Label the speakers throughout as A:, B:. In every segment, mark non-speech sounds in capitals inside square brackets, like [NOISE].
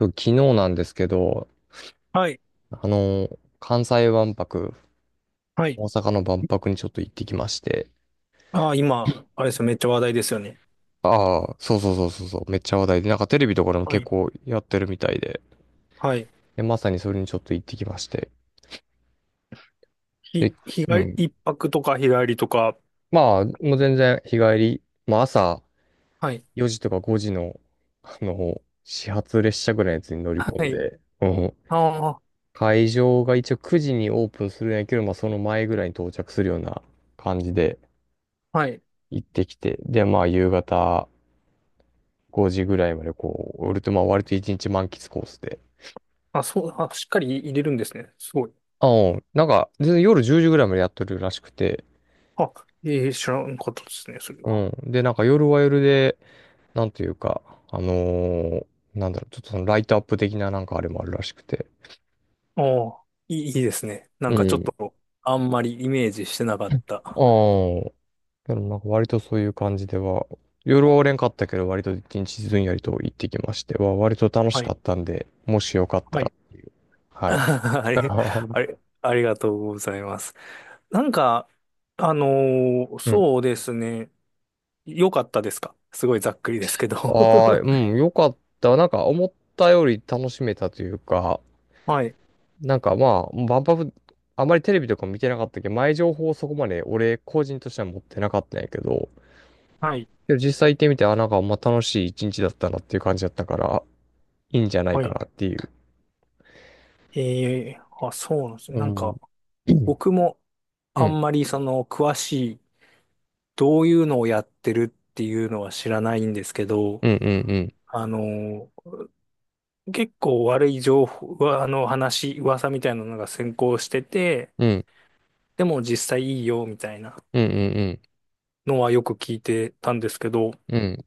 A: 昨日なんですけど、
B: はい。
A: あの、関西万博、
B: はい。
A: 大阪の万博にちょっと行ってきまして。
B: ああ、今、あれですよ。めっちゃ話題ですよね。
A: ああ、そうそうそうそうそう、めっちゃ話題で、なんかテレビとかでも
B: は
A: 結
B: い。
A: 構やってるみたいで、
B: はい。
A: で、まさにそれにちょっと行ってきまして。で、
B: 日
A: う
B: 帰り、
A: ん。
B: 一泊とか日帰りとか。
A: まあ、もう全然日帰り、まあ朝
B: はい。
A: 4時とか5時の、始発列車ぐらいのやつに乗り込
B: は
A: ん
B: い。
A: で、うん。
B: あ
A: 会場が一応9時にオープンするんやけど、まあその前ぐらいに到着するような感じで
B: あ、はい。
A: 行ってきて、で、まあ夕方、5時ぐらいまでこう、俺とまあ割と1日満喫コースで。
B: あ、そう、あ、しっかり入れるんですね。すごい。
A: あ、うん。なんか、全然夜10時ぐらいまでやってるらしくて。
B: あ、ええ、知らんかったですね、それ
A: う
B: は。
A: ん。で、なんか夜は夜で、なんていうか、あのーなんだろう、ちょっとそのライトアップ的ななんかあれもあるらしくて。
B: ああ、いいですね。なん
A: う
B: かちょっ
A: ん。
B: と、あんまりイメージしてなかっ
A: あ
B: た。
A: あ。でもなんか割とそういう感じでは、夜はおれんかったけど、割と一日ずんやりと行ってきましては、割と楽し
B: は
A: か
B: い。
A: ったんで、もしよかった
B: は
A: ら。
B: い。[LAUGHS]
A: はい。
B: あれ、あ
A: [LAUGHS]
B: れ、ありがとうございます。なんか、あの
A: うん
B: そうですね。良かったですか？すごいざっくりですけど。
A: ああ、うん、よかった。なんか思ったより楽しめたというか、
B: [LAUGHS] はい、
A: なんかまあ、万博、あまりテレビとかも見てなかったけど、前情報をそこまで俺個人としては持ってなかったんやけど、
B: はい、
A: でも実際行ってみて、あ、なんかまあ楽しい一日だったなっていう感じだったから、いいんじゃない
B: は
A: か
B: い。
A: なっていう。
B: あ、そうなんですね。
A: う
B: なん
A: ん。
B: か、
A: うん。
B: 僕も
A: う
B: あ
A: ん。
B: んまりその、詳しい、どういうのをやってるっていうのは知らないんですけど、
A: うん。うん。
B: あの、結構悪い情報、うわあの、話、噂みたいなのが先行してて、
A: うん。
B: でも実際いいよ、みたいな
A: うん。うん
B: のはよく聞いてたんですけど、
A: うん。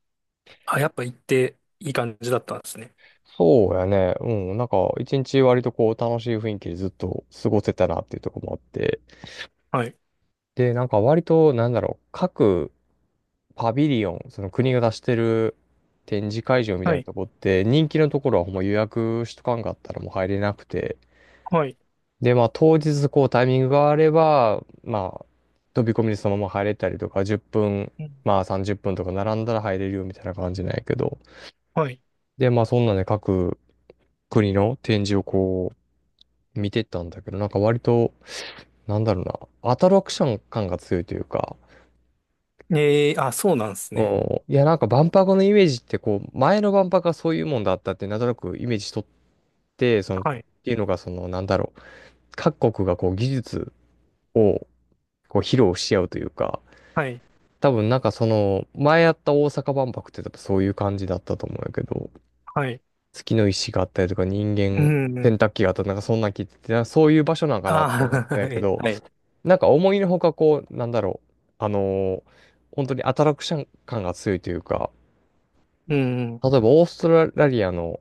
B: あ、やっぱ行っていい感じだったんですね。
A: そうやね。うん。なんか、一日割とこう、楽しい雰囲気でずっと過ごせたなっていうところもあって。
B: はい、
A: で、なんか割と、なんだろう、各パビリオン、その国が出してる展示会場みたい
B: は
A: な
B: い、
A: とこって、人気のところはほんま予約しとかんかったらもう入れなくて。
B: はい、
A: で、まあ当日こうタイミングがあれば、まあ飛び込みでそのまま入れたりとか、10分、
B: うん
A: まあ30分とか並んだら入れるよみたいな感じなんやけど。
B: はい。
A: で、まあそんなんで各国の展示をこう見てったんだけど、なんか割と、なんだろうな、アトラクション感が強いというか、
B: ええあ、そうなんです
A: う
B: ね。
A: んいや、なんか万博のイメージって、こう、前の万博がそういうもんだったって、なんとなくイメージしとって、その、っ
B: はい、
A: ていうのが、その、なんだろう、各国がこう、技術を、こう、披露し合うというか、
B: はい、
A: 多分なんかその、前やった大阪万博って多分そういう感じだったと思うんやけど、
B: はい。
A: 月の石があったりとか、人
B: う
A: 間、
B: ん。
A: 洗濯機があったり、なんかそんなん聞いてて、なんかそういう場所なんかなって思って
B: ああ、[LAUGHS]
A: たんや
B: は
A: け
B: い、
A: ど、
B: はい。
A: なんか思いのほかこう、あのー本当にアトラクション感が強いというか、
B: うん。
A: 例えばオーストラリアの、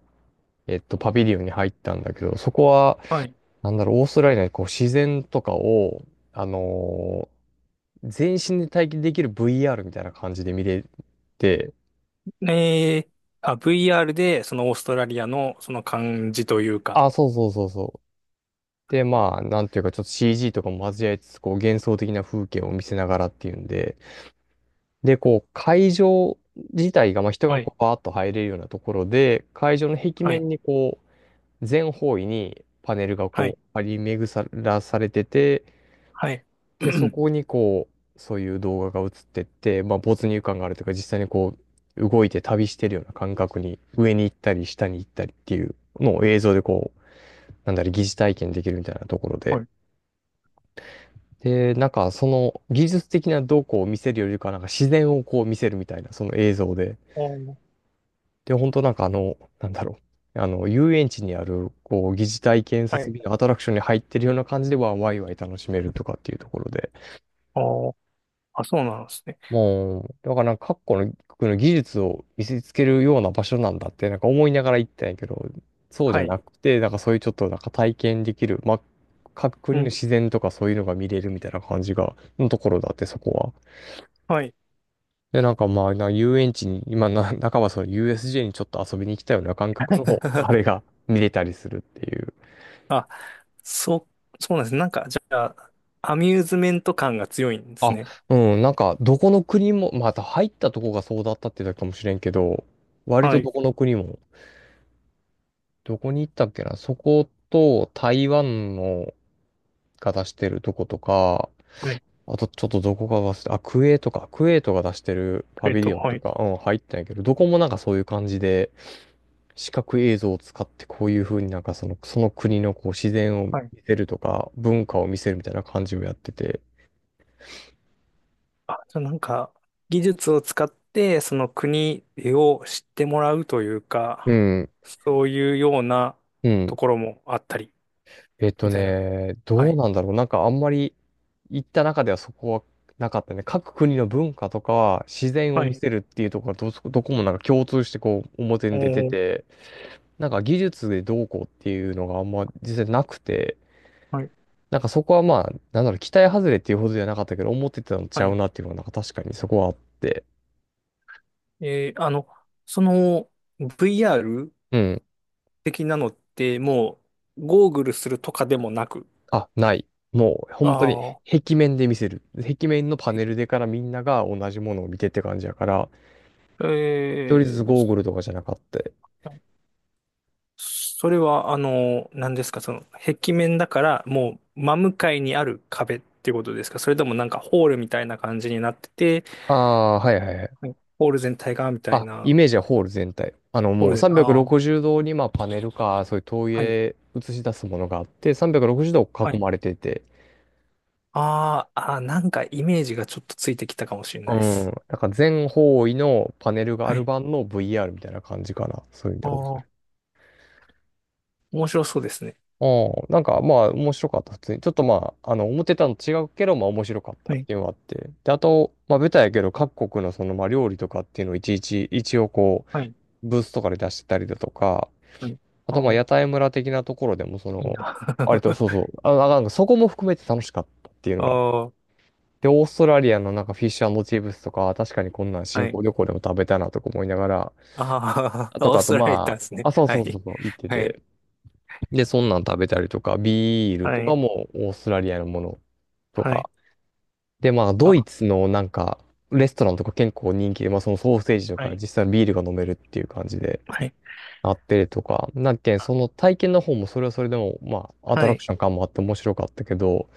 A: パビリオンに入ったんだけど、そこは、
B: はい。
A: なんだろう、オーストラリアでこう自然とかを、あのー全身で体験できる VR みたいな感じで見れて、
B: ええあ、VR で、そのオーストラリアの、その感じというか。
A: あ、そうそうそうそう。で、まあ、なんていうか、ちょっと CG とかも交えつつ、こう幻想的な風景を見せながらっていうんで、で、こう、会場自体が、まあ、人
B: は
A: がこ
B: い、
A: う、バーッと入れるようなところで、会場の壁
B: はい、
A: 面にこう、全方位にパネルが
B: はい、
A: こう、張り巡らされてて、
B: はい。
A: で、そ
B: [CLEARS THROAT]
A: こにこう、そういう動画が映ってって、まあ、没入感があるというか、実際にこう、動いて旅してるような感覚に、上に行ったり、下に行ったりっていうのを映像でこう、なんだろう、疑似体験できるみたいなところ
B: は
A: で。
B: い。
A: で、なんか、その技術的などうこうを見せるよりかは、なんか自然をこう見せるみたいな、その映像で。
B: おー
A: で、本当なんかあの、遊園地にある、こう、疑似体験
B: は
A: 設
B: い。
A: 備のアトラクションに入ってるような感じでは、ワイワイ楽しめるとかっていうところで。
B: おーあ、そうなんですね。
A: もう、だからなんか各国の、国の技術を見せつけるような場所なんだって、なんか思いながら行ったんやけど、そうじ
B: は
A: ゃ
B: い。
A: なくて、なんかそういうちょっとなんか体験できる、まあ、各国
B: う
A: の
B: ん。
A: 自然とかそういうのが見れるみたいな感じが、のところだって、そこは。
B: はい。
A: で、なんかまあ、な遊園地に、今な、[LAUGHS] 仲間その USJ にちょっと遊びに来たような感覚の、あれ
B: [LAUGHS]
A: が見れたりするっていう。
B: あ、そう、そうなんですね。なんか、じゃあ、アミューズメント感が強いんです
A: あ、
B: ね。
A: うん、なんか、どこの国も、また入ったとこがそうだったってだけかもしれんけど、割
B: は
A: とど
B: い。
A: この国もどこに行ったっけなそこと台湾のが出してるとことか、
B: はい。
A: あとちょっとどこか忘れた、あ、クエとトか、クエェトが出してるパビリオン
B: は
A: と
B: い。
A: か、うん、入ったんやけど、どこもなんかそういう感じで、視覚映像を使ってこういう風になんかその、その国のこう自然を見
B: はい
A: せるとか、文化を見せるみたいな感じをやってて、
B: あ、じゃあなんか、技術を使って、その国を知ってもらうという
A: う
B: か、
A: ん、
B: そういうような
A: うん。
B: ところもあったり、
A: えっと
B: みたいな。
A: ね、
B: は
A: どう
B: い。
A: なんだろう。なんかあんまり行った中ではそこはなかったね。各国の文化とか自然を
B: は
A: 見
B: い。
A: せるっていうところがどそ、どこもなんか共通してこう表
B: お
A: に出て
B: ー、
A: て、なんか技術でどうこうっていうのがあんま実際なくて、
B: はい。
A: なんかそこはまあ、なんだろう、期待外れっていうほどじゃなかったけど、思ってたのち
B: は
A: ゃう
B: い。
A: なっていうのがなんか確かにそこはあって。
B: えーあの、その VR
A: うん。
B: 的なのって、もう、ゴーグルするとかでもなく。
A: あ、ない。もう本当に
B: ああ、
A: 壁面で見せる。壁面のパネルでからみんなが同じものを見てって感じやから、
B: え
A: 一人ずつ
B: ー
A: ゴーグルとかじゃなかった。
B: それは、何ですか、その、壁面だから、もう、真向かいにある壁っていうことですか？それともなんかホールみたいな感じになってて、
A: ああ、はいはいはい。
B: はいホール全体が、みたい
A: あ、イ
B: な、
A: メージはホール全体。あの、
B: ホー
A: も
B: ル
A: う
B: で、あ
A: 360
B: あ、
A: 度に、まあ、パネルか、そういう投
B: はい、
A: 影映し出すものがあって、360度
B: は
A: 囲
B: い。
A: まれてて、
B: あーあー、なんかイメージがちょっとついてきたかもしれな
A: う
B: いで
A: ん。
B: す。
A: なんか全方位のパネルがあ
B: は
A: る
B: い。
A: 版の VR みたいな感じかな。そういう意で
B: ああ、面白そうですね。
A: うん。なんか、まあ、面白かった。普通に。ちょっとまあ、あの、思ってたのと違うけど、まあ、面白かっ
B: は
A: たっ
B: い、
A: ていうのがあって。で、あと、まあ、ベタやけど、各国のその、まあ、料理とかっていうのをいちいち、一応こう、
B: はい、
A: ブースとかで出してたりだとか、
B: はい。
A: あ
B: あ
A: と、まあ、屋
B: あ、
A: 台村的なところでも、そ
B: いい
A: の、
B: な。
A: 割と、そうそ
B: [LAUGHS]
A: う、あ、なんか、そこも含めて楽しかったっていうの
B: あ
A: が。
B: あ、
A: で、オーストラリアのなんかフィッシュチップスとか、確かにこんなん
B: は
A: 新
B: い。
A: 興旅行でも食べたなとか思いながら、
B: あ
A: あ
B: あ、
A: と
B: オ
A: か、
B: ー
A: あ
B: ス
A: と、
B: トラリア行ったん
A: ま
B: です
A: あ、
B: ね。
A: あ、そう
B: は
A: そうそ
B: い、
A: うそう、行って
B: はい、
A: て。で、そんなん食べたりとか、ビールと
B: は
A: か
B: い、
A: もオーストラリアのものと
B: はい。
A: か。で、まあ、ドイ
B: あ、
A: ツのなんか、レストランとか結構人気で、まあ、そのソーセージと
B: は
A: か、
B: い。
A: 実際にビールが飲めるっていう感じで。
B: はい
A: なってるとか、なんけん、その体験の方もそれはそれでも、まあ、アト
B: は
A: ラク
B: い。
A: ション感もあって面白かったけど、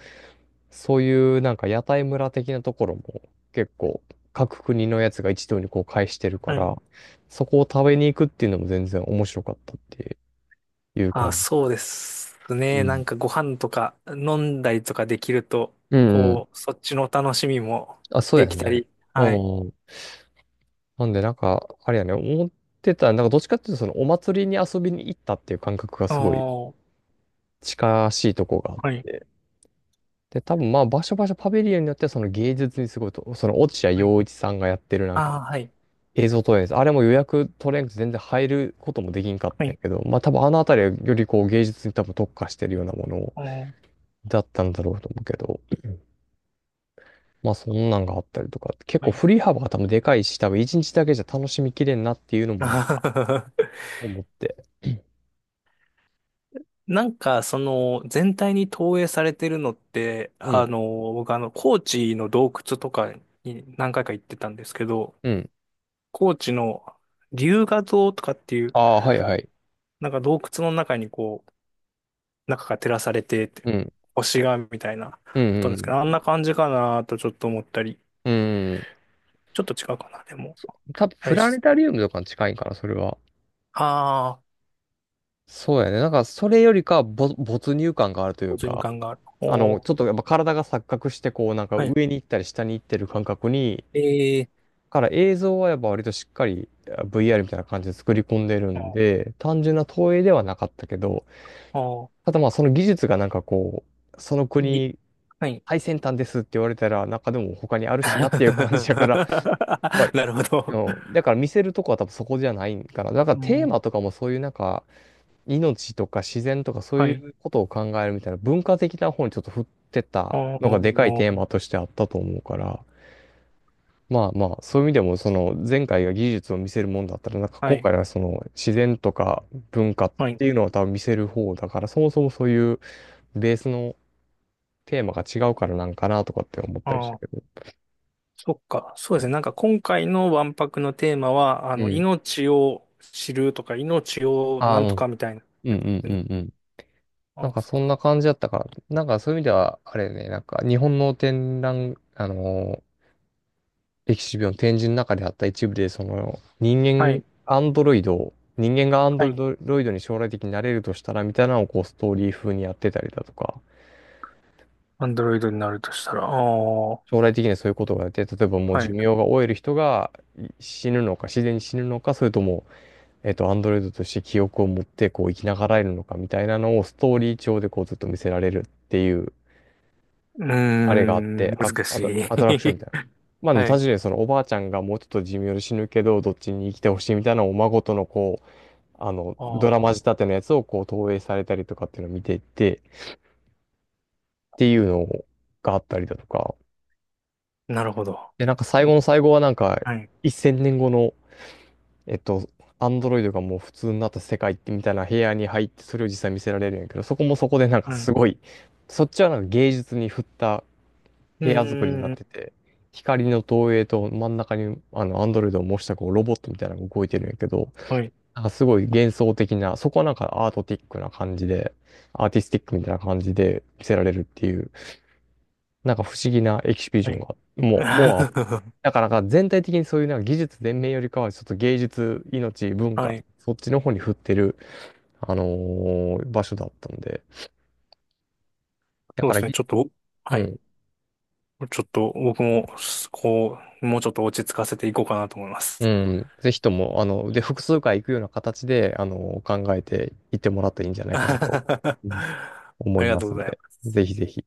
A: そういうなんか屋台村的なところも結構各国のやつが一堂にこう会してるか
B: は
A: ら、
B: い。
A: そこを食べに行くっていうのも全然面白かったっていう
B: あ、
A: 感じ。
B: そうです
A: う
B: ね。な
A: ん。
B: んかご飯とか飲んだりとかできると、
A: うんうん。
B: こう、そっちの楽しみも
A: あ、そう
B: で
A: や
B: き
A: ん
B: た
A: ね。
B: り。
A: う
B: はい。
A: ん。なんでなんか、あれやね、思ってた、なんかどっちかっていうとそのお祭りに遊びに行ったっていう感覚がすごい
B: おー、
A: 近しいとこがあっ
B: はい。
A: て。で、多分まあ、場所場所パビリオンによってはその芸術にすごいと、その落合
B: はい。
A: 陽一さんがやってるなんか
B: あー、はい。
A: 映像投影です。あれも予約取れんくて全然入ることもできんかっ
B: は
A: たんや
B: い。
A: けど、まあ多分あのあたりはよりこう芸術に多分特化してるようなもの
B: おー、
A: だったんだろうと思うけど、まあそんなんがあったりとか、結
B: は
A: 構
B: い。
A: 振り幅が多分でかいし、多分一日だけじゃ楽しみきれんなっていうのもなんか
B: [LAUGHS]
A: 思って。
B: なんか、その、全体に投影されてるのって、
A: うん、
B: 僕高知の洞窟とかに何回か行ってたんですけど、
A: うん。
B: 高知の龍河洞とかっていう、
A: ああ、はいはい。
B: なんか洞窟の中にこう、中が照らされてて、
A: うん、
B: 星がみたいな、だっ
A: う
B: たんですけ
A: ん、
B: ど、あんな感じかなとちょっと思ったり、
A: うん、うん。
B: ちょっと違うかな、でも。
A: 多分
B: あ
A: プ
B: れ
A: ラネ
B: し、
A: タリウムとかに近いんかな、それは。
B: あー、
A: そうやね。なんか、それよりかは没入感があるとい
B: 没
A: う
B: 入
A: か、
B: 感がある。おー、
A: ちょっとやっぱ体が錯覚して、こう、なんか
B: はい。
A: 上に行ったり下に行ってる感覚に、
B: えー、
A: から映像はやっぱ割としっかりVR みたいな感じで作り込んでる
B: あ
A: ん
B: ー、
A: で、単純な投影ではなかったけど、
B: あ
A: ただまあその技術がなんかその
B: ーい
A: 国
B: はい。
A: 最先端ですって言われたら、中でも他にある
B: [LAUGHS]
A: しなっていう感じだから、やっぱ、
B: なるほ
A: う
B: ど。
A: ん、だから見せるとこは多分そこじゃないんかな。だから
B: う
A: テーマ
B: ん、
A: とかもそういうなんか、命とか自然とかそう
B: は
A: い
B: い。
A: うことを考えるみたいな文化的な方にちょっと振ってた
B: あ
A: のがでかいテー
B: ー、
A: マとしてあったと思うから、まあまあ、そういう意味でもその前回が技術を見せるもんだったら、なんか
B: は
A: 今回
B: い。
A: はその自然とか文化っ
B: はい。
A: ていうのは多分見せる方だから、そもそもそういうベースのテーマが違うからなんかなとかって思ったりし
B: あ
A: た
B: ー、
A: けど。
B: そっか。そうですね。なんか今回の万博のテーマは、
A: うん。
B: 命を知るとか、命を
A: あ、
B: な
A: う
B: んと
A: ん。
B: かみたいな
A: うん
B: やつで
A: うん
B: す
A: う
B: ね。
A: んうん。
B: あ
A: なんかそ
B: ー
A: んな感じだったから、なんかそういう意味では、あれね、なんか日本の展覧、エキシビオン展示の中であった一部で、その人
B: は
A: 間、
B: い。
A: アンドロイドを、人間がアン
B: は
A: ド
B: い。
A: ロイドに将来的になれるとしたらみたいなのをこうストーリー風にやってたりだとか、
B: アンドロイドになるとしたら、ああ、は
A: 将来的にはそういうことがあって、例えばもう
B: い。
A: 寿命
B: う
A: が終える人が死ぬのか、自然に死ぬのか、それとも、アンドロイドとして記憶を持ってこう生きながらえるのかみたいなのをストーリー調でこうずっと見せられるっていう、
B: ー
A: あれがあって、
B: ん、
A: あ、
B: 難し
A: あ
B: い。
A: と、アトラクションみたいな。
B: [LAUGHS]
A: まあでも
B: はい。
A: 確かにそのおばあちゃんがもうちょっと寿命で死ぬけど、どっちに生きてほしいみたいなのをお孫とのこう、あの、ドラマ
B: あ
A: 仕
B: あ、
A: 立てのやつをこう投影されたりとかっていうのを見ていって、っていうのがあったりだとか、
B: なるほど。
A: で、なんか最
B: う
A: 後
B: ん
A: の最後はなんか、
B: はい。
A: 1000年後の、えっと、アンドロイドがもう普通になった世界ってみたいな部屋に入って、それを実際見せられるんやけど、そこもそこでなんか
B: うん。
A: すごい、そっちはなんか芸術に振った
B: う
A: 部屋作りになっ
B: ー
A: て
B: ん。
A: て、光の投影と真ん中にあのアンドロイドを模したこうロボットみたいなのが動いてるんやけど、
B: はい。
A: なんかすごい幻想的な、そこはなんかアートティックな感じで、アーティスティックみたいな感じで見せられるっていう、なんか不思議なエキシビジ
B: は
A: ョン
B: い。
A: が、もうあった。
B: [LAUGHS]
A: だからなんか全体的にそういうなんか技術全面よりかは、ちょっと芸術、命、文
B: は
A: 化、
B: い。
A: そっちの方に振ってる、あの場所だったんで。だ
B: そう
A: か
B: で
A: ら
B: すね。
A: ぎ、
B: ちょっと、
A: う
B: はい。
A: ん、
B: ちょっと、僕も、こう、もうちょっと落ち着かせていこうかなと思いま
A: う
B: す。
A: ん、ぜひとも、あの、で、複数回行くような形で、あの考えていってもらったらいいんじゃな
B: [LAUGHS]
A: いかなと、うん
B: あ
A: 思い
B: りが
A: ま
B: とう
A: す
B: ご
A: ん
B: ざいま
A: で、
B: す。
A: ぜひぜひ。